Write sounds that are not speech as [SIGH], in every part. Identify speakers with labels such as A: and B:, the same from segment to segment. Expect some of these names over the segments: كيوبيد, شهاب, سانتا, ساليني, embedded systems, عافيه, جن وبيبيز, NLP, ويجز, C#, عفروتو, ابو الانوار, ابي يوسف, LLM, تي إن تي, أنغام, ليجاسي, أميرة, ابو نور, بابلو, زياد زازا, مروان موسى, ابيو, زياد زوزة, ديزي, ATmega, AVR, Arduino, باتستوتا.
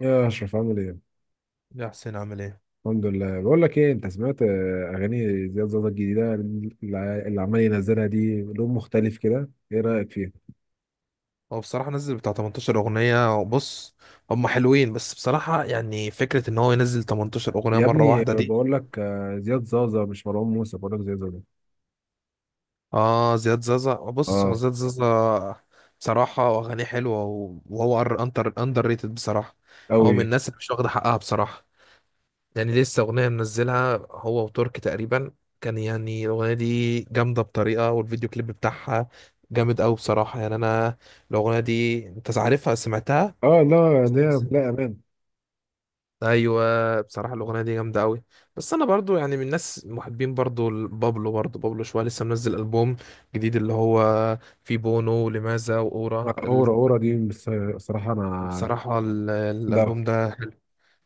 A: يا اشرف عامل ايه؟
B: يا حسين عامل ايه؟
A: الحمد لله. بقول لك ايه، انت سمعت اغاني زياد زازا الجديده اللي عمال ينزلها دي؟ لون مختلف كده، ايه رايك فيها؟
B: هو بصراحة نزل بتاع 18 أغنية. بص هم حلوين، بس بصراحة يعني فكرة إن هو ينزل 18 أغنية
A: يا
B: مرة
A: ابني،
B: واحدة دي...
A: بقول لك، زياد زازا مش مروان موسى، بقول لك زياد زازا.
B: آه زياد زازا، بص هو
A: اه.
B: زياد زازا بصراحة أغانيه حلوة و- وهو أندر ريتد بصراحة. هو
A: قوي.
B: من الناس اللي مش واخدة حقها بصراحة. يعني لسه أغنية منزلها هو وترك تقريبا، كان يعني الأغنية دي جامدة بطريقة، والفيديو كليب بتاعها جامد أوي بصراحة. يعني أنا الأغنية دي أنت عارفها، سمعتها؟
A: اه، لا لا لا، امان.
B: ايوه بصراحه الاغنيه دي جامده قوي. بس انا برضو يعني من الناس محبين برضو بابلو، برضو شويه، لسه منزل البوم جديد اللي هو فيه بونو ولماذا واورا
A: اورا اورا دي، بس الصراحه انا.
B: بصراحه
A: لا.
B: الالبوم ده حلو.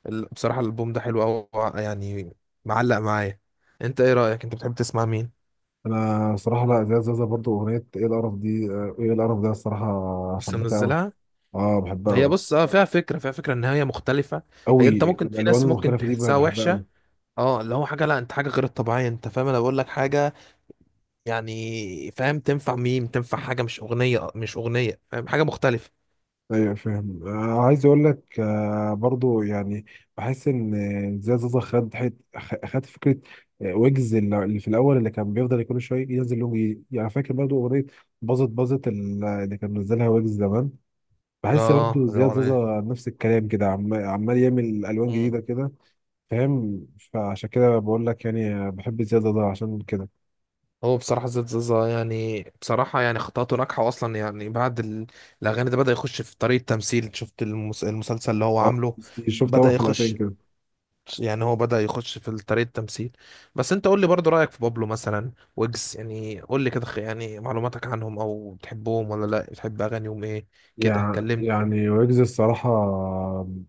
B: بصراحه الالبوم ده حلو قوي. يعني معلق معايا. انت ايه رايك، انت بتحب تسمع مين؟
A: انا صراحه، لا، زياد زازا برضو اغنيه ايه القرف دي، ايه القرف ده الصراحه
B: لسه
A: حبيتها قوي.
B: منزلها.
A: اه بحبها
B: هي
A: قوي.
B: بص اه فيها فكره، فيها فكره ان هي مختلفه. هي انت
A: قوي،
B: ممكن، في
A: الالوان
B: ناس ممكن
A: المختلفه دي
B: تحسها
A: بحبها
B: وحشه،
A: قوي.
B: اه اللي هو حاجه، لا انت حاجه غير الطبيعيه، انت فاهم؟ انا بقول لك حاجه يعني، فاهم؟ تنفع ميم، تنفع حاجة مش أغنية، مش أغنية فاهم، حاجة مختلفة.
A: ايوه فاهم، عايز اقول لك، برضو يعني بحس ان زياد زوزة خد خد فكره. ويجز اللي في الاول، اللي كان بيفضل كل شويه ينزل لهم، يعني فاكر برضو اغنيه باظت اللي كان منزلها ويجز زمان. بحس برضو
B: اه
A: زياد
B: الأغنية.
A: زوزة نفس الكلام كده، عمال يعمل الوان
B: مم.
A: جديده كده. فاهم. فعشان كده بقول لك يعني، بحب زياد زوزة عشان كده.
B: هو بصراحة زياد زازا يعني بصراحة يعني خطواته ناجحة أصلا، يعني بعد الأغاني ده بدأ يخش في طريق التمثيل. شفت المسلسل اللي هو
A: آه،
B: عامله؟
A: شفت
B: بدأ
A: اول حلقتين
B: يخش،
A: كده.
B: يعني هو بدأ يخش في طريق التمثيل. بس أنت قول لي برضو رأيك في بابلو مثلا، ويجز، يعني قول لي كده، يعني معلوماتك عنهم، أو بتحبهم ولا لا، بتحب أغانيهم إيه؟ كده
A: يعني
B: كلمني.
A: يعني ويجز الصراحة،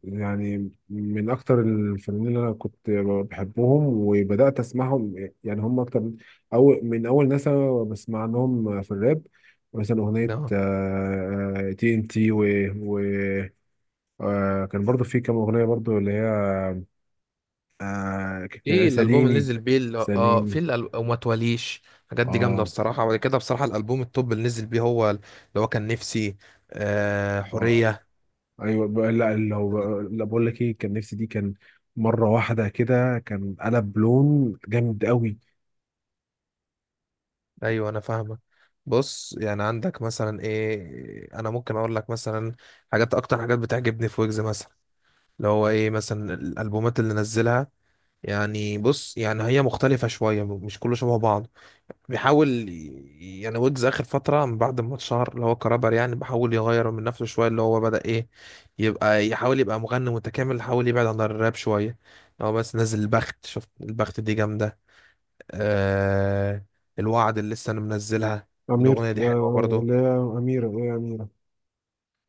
A: يعني من أكتر الفنانين اللي أنا كنت بحبهم وبدأت أسمعهم. يعني هم أكتر من أول ناس أنا بسمع لهم في الراب. مثلا أغنية
B: كده
A: تي إن تي، وكان برضو في كام أغنية برضو اللي هي
B: ايه الالبوم اللي
A: ساليني.
B: نزل بيه، اللي اه في
A: ساليني.
B: وما تواليش، الحاجات دي جامده
A: اه.
B: بصراحه. وبعد كده بصراحه الالبوم التوب اللي نزل بيه، هو اللي هو كان نفسي. آه
A: اه،
B: حوريه.
A: ايوه، لا، لا، بقول لك ايه، كان نفسي دي، كان مره واحده كده، كان قلب لون جامد قوي.
B: ايوه انا فاهمه. بص يعني عندك مثلا ايه، انا ممكن اقول لك مثلا حاجات اكتر حاجات بتعجبني في ويجز مثلا، اللي هو ايه، مثلا الالبومات اللي نزلها، يعني بص يعني هي مختلفه شويه، مش كله شبه بعض. بيحاول يعني ويجز اخر فتره، من بعد ما اتشهر اللي هو كرابر، يعني بيحاول يغير من نفسه شويه، اللي هو بدا ايه، يبقى يحاول يبقى مغني متكامل، يحاول يبعد عن الراب شويه. هو بس نزل البخت، شفت البخت دي جامده. آه الوعد اللي لسه انا منزلها،
A: أمير،
B: الاغنيه دي حلوه
A: اللي
B: برضو.
A: هي أميرة،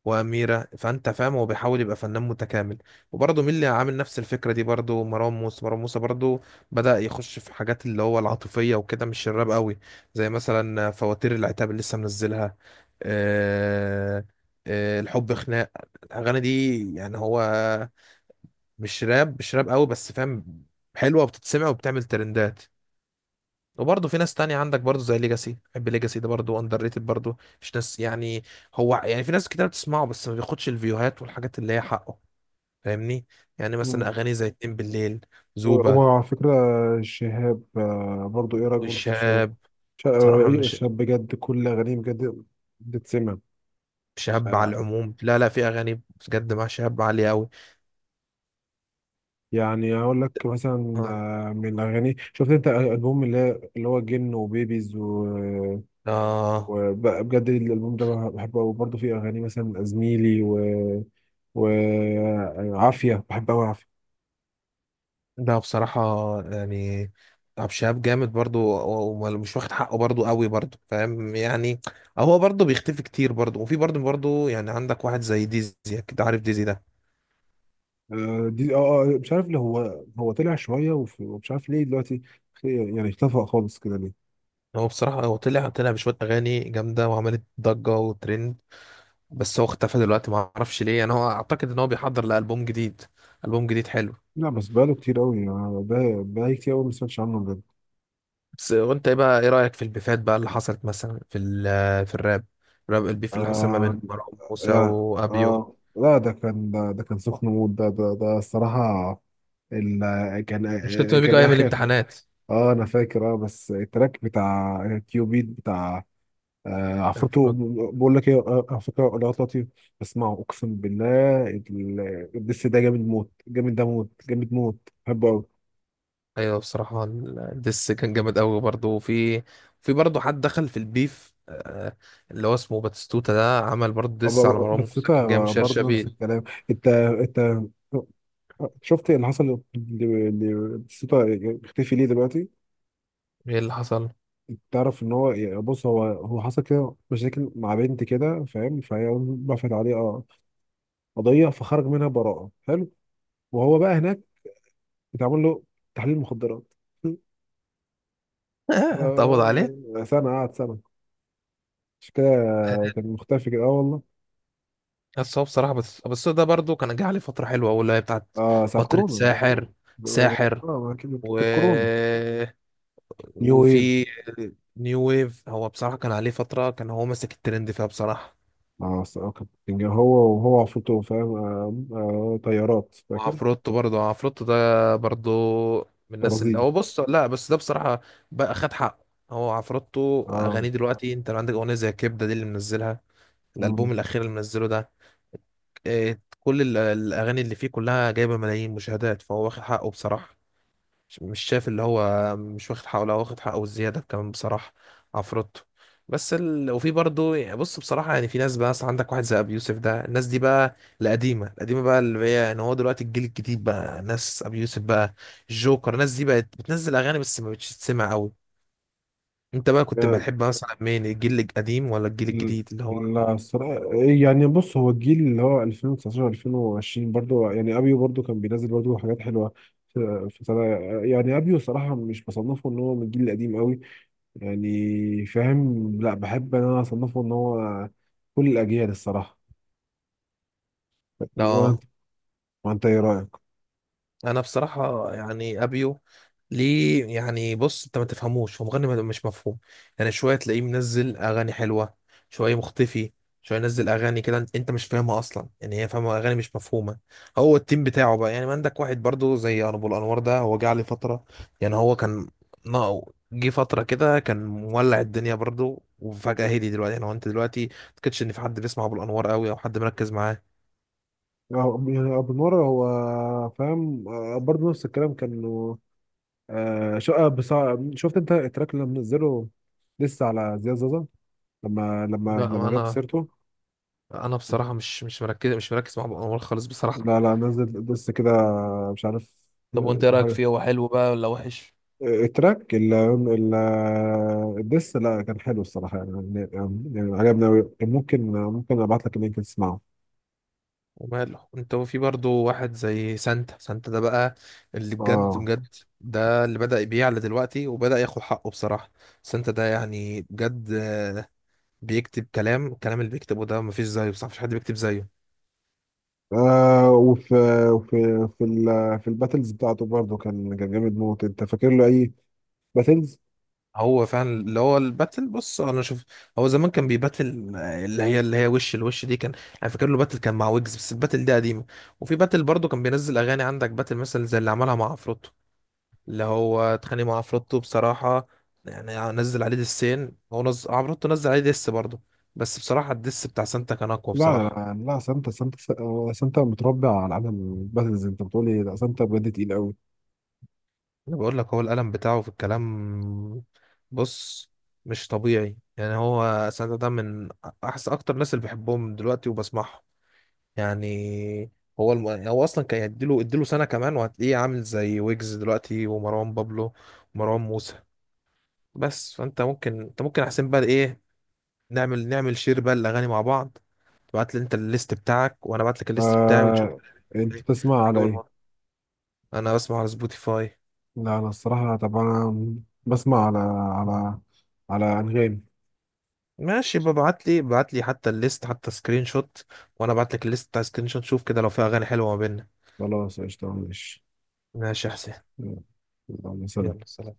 B: واميره، فانت فاهم هو بيحاول يبقى فنان متكامل. وبرضه مين اللي عامل نفس الفكره دي برضه؟ مروان موسى. مروان موسى برضه بدا يخش في حاجات اللي هو العاطفيه وكده، مش الراب قوي. زي مثلا فواتير العتاب اللي لسه منزلها، آه، آه الحب خناق. الاغاني دي يعني هو مش راب، مش راب قوي بس، فاهم؟ حلوه وبتتسمع وبتعمل ترندات. وبرضه في ناس تانية عندك برضه، زي ليجاسي، بحب ليجاسي ده برضه، اندر ريتد برضه، مش ناس يعني، هو يعني في ناس كتير بتسمعه بس ما بياخدش الفيوهات والحاجات اللي هي حقه. فاهمني؟ يعني
A: مم.
B: مثلا اغاني زي اتنين بالليل، زوبة،
A: وعلى فكرة شهاب، برضو إيه رأيك برضو في شهاب؟
B: والشهاب.
A: ش- آه،
B: صراحة من
A: إيه، شهاب بجد كل أغانيه بجد بتتسمع.
B: شهاب على
A: آه،
B: العموم، لا لا في اغاني بجد مع شهاب عالية قوي.
A: يعني أقول لك مثلا،
B: اه
A: من الأغاني، شفت أنت ألبوم اللي هو جن وبيبيز
B: آه.
A: وبجد الألبوم ده بحبه، وبرضه فيه أغاني مثلا زميلي وعافيه، بحب قوي عافيه.
B: لا بصراحة يعني عبد الشهاب جامد برضو، ومش واخد حقه برضو قوي برضو فاهم يعني. هو برضو بيختفي كتير برضو، وفي برضو يعني عندك واحد زي ديزي، أكيد عارف ديزي ده.
A: دي، اه، مش عارف ليه هو، طلع شويه ومش عارف ليه دلوقتي يعني اختفى خالص كده ليه.
B: هو بصراحة هو طلع بشوية أغاني جامدة، وعملت ضجة وترند. بس هو اختفى دلوقتي، ما أعرفش ليه. يعني هو أعتقد إن هو بيحضر لألبوم جديد، ألبوم جديد حلو.
A: لا، بس بقاله كتير قوي يعني، بقالي كتير قوي ما سمعتش عنه بجد.
B: بس وأنت إيه بقى، إيه رأيك في البيفات بقى اللي حصلت مثلا في في الراب؟ الراب البيف اللي حصل ما
A: آه
B: بين مروان موسى وأبيو،
A: لا، ده كان سخن موت، ده ده ده الصراحه. كان،
B: مشكلته بيجوا
A: كان
B: أيام
A: اخر.
B: الامتحانات.
A: اه انا فاكر. اه بس التراك بتاع كيوبيد بتاع، آه، عفوته.
B: عفروت.
A: بقول لك ايه، على فكره الوقت لطيف، اسمعه اقسم بالله، الدس ده جامد موت، جامد، ده موت، جامد موت. بحبه قوي.
B: ايوه بصراحه الدس كان جامد قوي برضه. وفي، في برضه حد دخل في البيف اللي هو اسمه باتستوتا ده، عمل برضه دس على مروان
A: بس
B: موسى،
A: انت
B: كان جاي من شير
A: برضه نفس
B: شبيل.
A: الكلام. انت شفت اللي حصل؟ لسوتا اختفي ليه دلوقتي؟
B: ايه اللي حصل؟
A: تعرف ان هو، يعني بص، هو حصل كده مشاكل مع بنت كده فاهم، فهي رفعت عليه قضيه، فخرج منها براءه. حلو. وهو بقى هناك اتعمل له تحليل مخدرات. [LAUGHS]
B: [LAUGHS] اتقبض عليه.
A: سنة، قعد سنة، مش كده؟ كان مختفي كده، اه والله.
B: بس هو بصراحه بس ده برضه كان جه عليه فتره حلوه أوي، اللي هي بتاعت
A: اه، ساعة
B: فتره
A: كورونا.
B: ساحر، ساحر.
A: اه، ما كده-
B: و...
A: كانت كورونا، نيو ويف.
B: وفي نيو ويف. هو بصراحه كان عليه فتره كان هو ماسك الترند فيها بصراحه.
A: اه، كان هو، وهو عفوته فاهم، طيارات، فاكر؟
B: وعفروتو برضه عفروتو ده برضه من الناس، اللي
A: برازيل.
B: هو بص، لا بس ده بصراحة بقى خد حقه. هو عفروتو
A: اه.
B: أغانيه دلوقتي، أنت لو عندك أغنية زي كبدة دي اللي منزلها
A: مم.
B: الألبوم الأخير اللي منزله ده، إيه، كل الأغاني اللي فيه كلها جايبة ملايين مشاهدات، فهو واخد حقه بصراحة. مش شايف اللي هو مش واخد حقه، لا واخد حقه والزياده كمان بصراحه، عفروتو. بس وفي برضه يعني، بص بصراحه يعني في ناس بقى، مثلا عندك واحد زي ابي يوسف ده، الناس دي بقى القديمه، بقى اللي هي يعني، هو دلوقتي الجيل الجديد بقى ناس ابي يوسف بقى الجوكر، الناس دي بقت بتنزل اغاني بس ما بتش تسمع قوي. انت بقى كنت
A: آه،
B: بتحب مثلا مين، الجيل القديم ولا الجيل
A: ال-
B: الجديد اللي هو؟
A: لا الصراحة إيه يعني، بص هو الجيل اللي هو 2019 2020 برضو، يعني ابيو برضو كان بينزل برضو حاجات حلوة في سنة. يعني ابيو صراحة مش بصنفه ان هو من الجيل القديم قوي، يعني فاهم، لا بحب ان انا اصنفه ان هو كل الاجيال الصراحه.
B: اه
A: وانت، وانت ايه رايك؟
B: انا بصراحه يعني ابيو، ليه يعني، بص انت ما تفهموش، هو مغني مش مفهوم، يعني شويه تلاقيه منزل اغاني حلوه، شويه مختفي، شويه ينزل اغاني كده انت، أنت مش فاهمها اصلا، يعني هي فاهمه اغاني مش مفهومه. هو التيم بتاعه بقى يعني. ما عندك واحد برضو زي ابو الانوار ده، هو جه عليه فتره، يعني هو كان ناقو، جه فتره كده كان مولع الدنيا برضو، وفجاه هدي دلوقتي. يعني هو انت دلوقتي ما تكتش ان في حد بيسمع ابو الانوار قوي او حد مركز معاه.
A: يعني ابو نور هو فاهم، برضه نفس الكلام كانوا. آه، شو آه، بس شفت انت التراك اللي منزله لسه على زياد زازا
B: لا
A: لما جاب
B: انا،
A: سيرته؟
B: انا بصراحه مش، مش مركز مع ابو انوار خالص بصراحه.
A: لا، لا، نزل لسه كده، مش عارف.
B: طب وانت ايه رايك فيه، هو حلو بقى ولا وحش؟
A: التراك ال ال الدس، لا كان حلو الصراحة يعني, يعني عجبني أوي. ممكن أبعت لك اللينك تسمعه.
B: وماله. انت وفي برضو واحد زي سانتا، ده بقى اللي بجد،
A: آه
B: بجد ده اللي بدأ يبيع دلوقتي وبدأ ياخد حقه بصراحه. سانتا ده يعني بجد بيكتب كلام، الكلام اللي بيكتبه ده مفيش زيه بصراحه، مفيش حد بيكتب زيه.
A: وفي، وفي، في في الباتلز بتاعته برضه، كان جامد موت. أنت فاكر له أي باتلز؟
B: هو فعلا اللي هو الباتل، بص انا شوف، هو زمان كان بيباتل اللي هي اللي هي وش الوش دي كان، انا فاكر له باتل كان مع ويجز، بس الباتل دي قديمه. وفي باتل برضه كان بينزل اغاني، عندك باتل مثلا زي اللي عملها مع عفروتو، اللي هو اتخانق مع عفروتو بصراحه. يعني نزل عليه دسين، هو عفروتو نزل عليه دس برضه، بس بصراحه الدس بتاع سانتا كان اقوى
A: لا لا
B: بصراحه.
A: لا لا، سانتا سانتا، سانتا متربع على عالم الباتلز. أنت بتقولي لا، سانتا بجد تقيل أوي.
B: انا بقول لك هو القلم بتاعه في الكلام، بص، مش طبيعي. يعني هو سانتا ده من احسن اكتر ناس اللي بحبهم دلوقتي وبسمعهم يعني. هو هو اصلا كان اديله سنه كمان، وهتلاقيه عامل زي ويجز دلوقتي، ومروان بابلو ومروان موسى. بس فانت ممكن، انت ممكن احسن بقى ايه، نعمل شير بقى الاغاني مع بعض. تبعت لي انت الليست بتاعك، وانا ابعت لك الليست بتاعي، ونشوف.
A: آه. أنت بتسمع على
B: عجب الموضوع؟
A: إيه؟
B: انا بسمع على سبوتيفاي.
A: لا أنا الصراحة طبعا بسمع على على أنغام.
B: ماشي، ببعت لي بعت لي حتى الليست، حتى سكرين شوت، وانا ابعت لك الليست بتاع سكرين شوت، شوف كده لو في اغاني حلوه ما بيننا.
A: خلاص قشطة، ماشي.
B: ماشي يا حسين،
A: اللهم صل.
B: يلا سلام.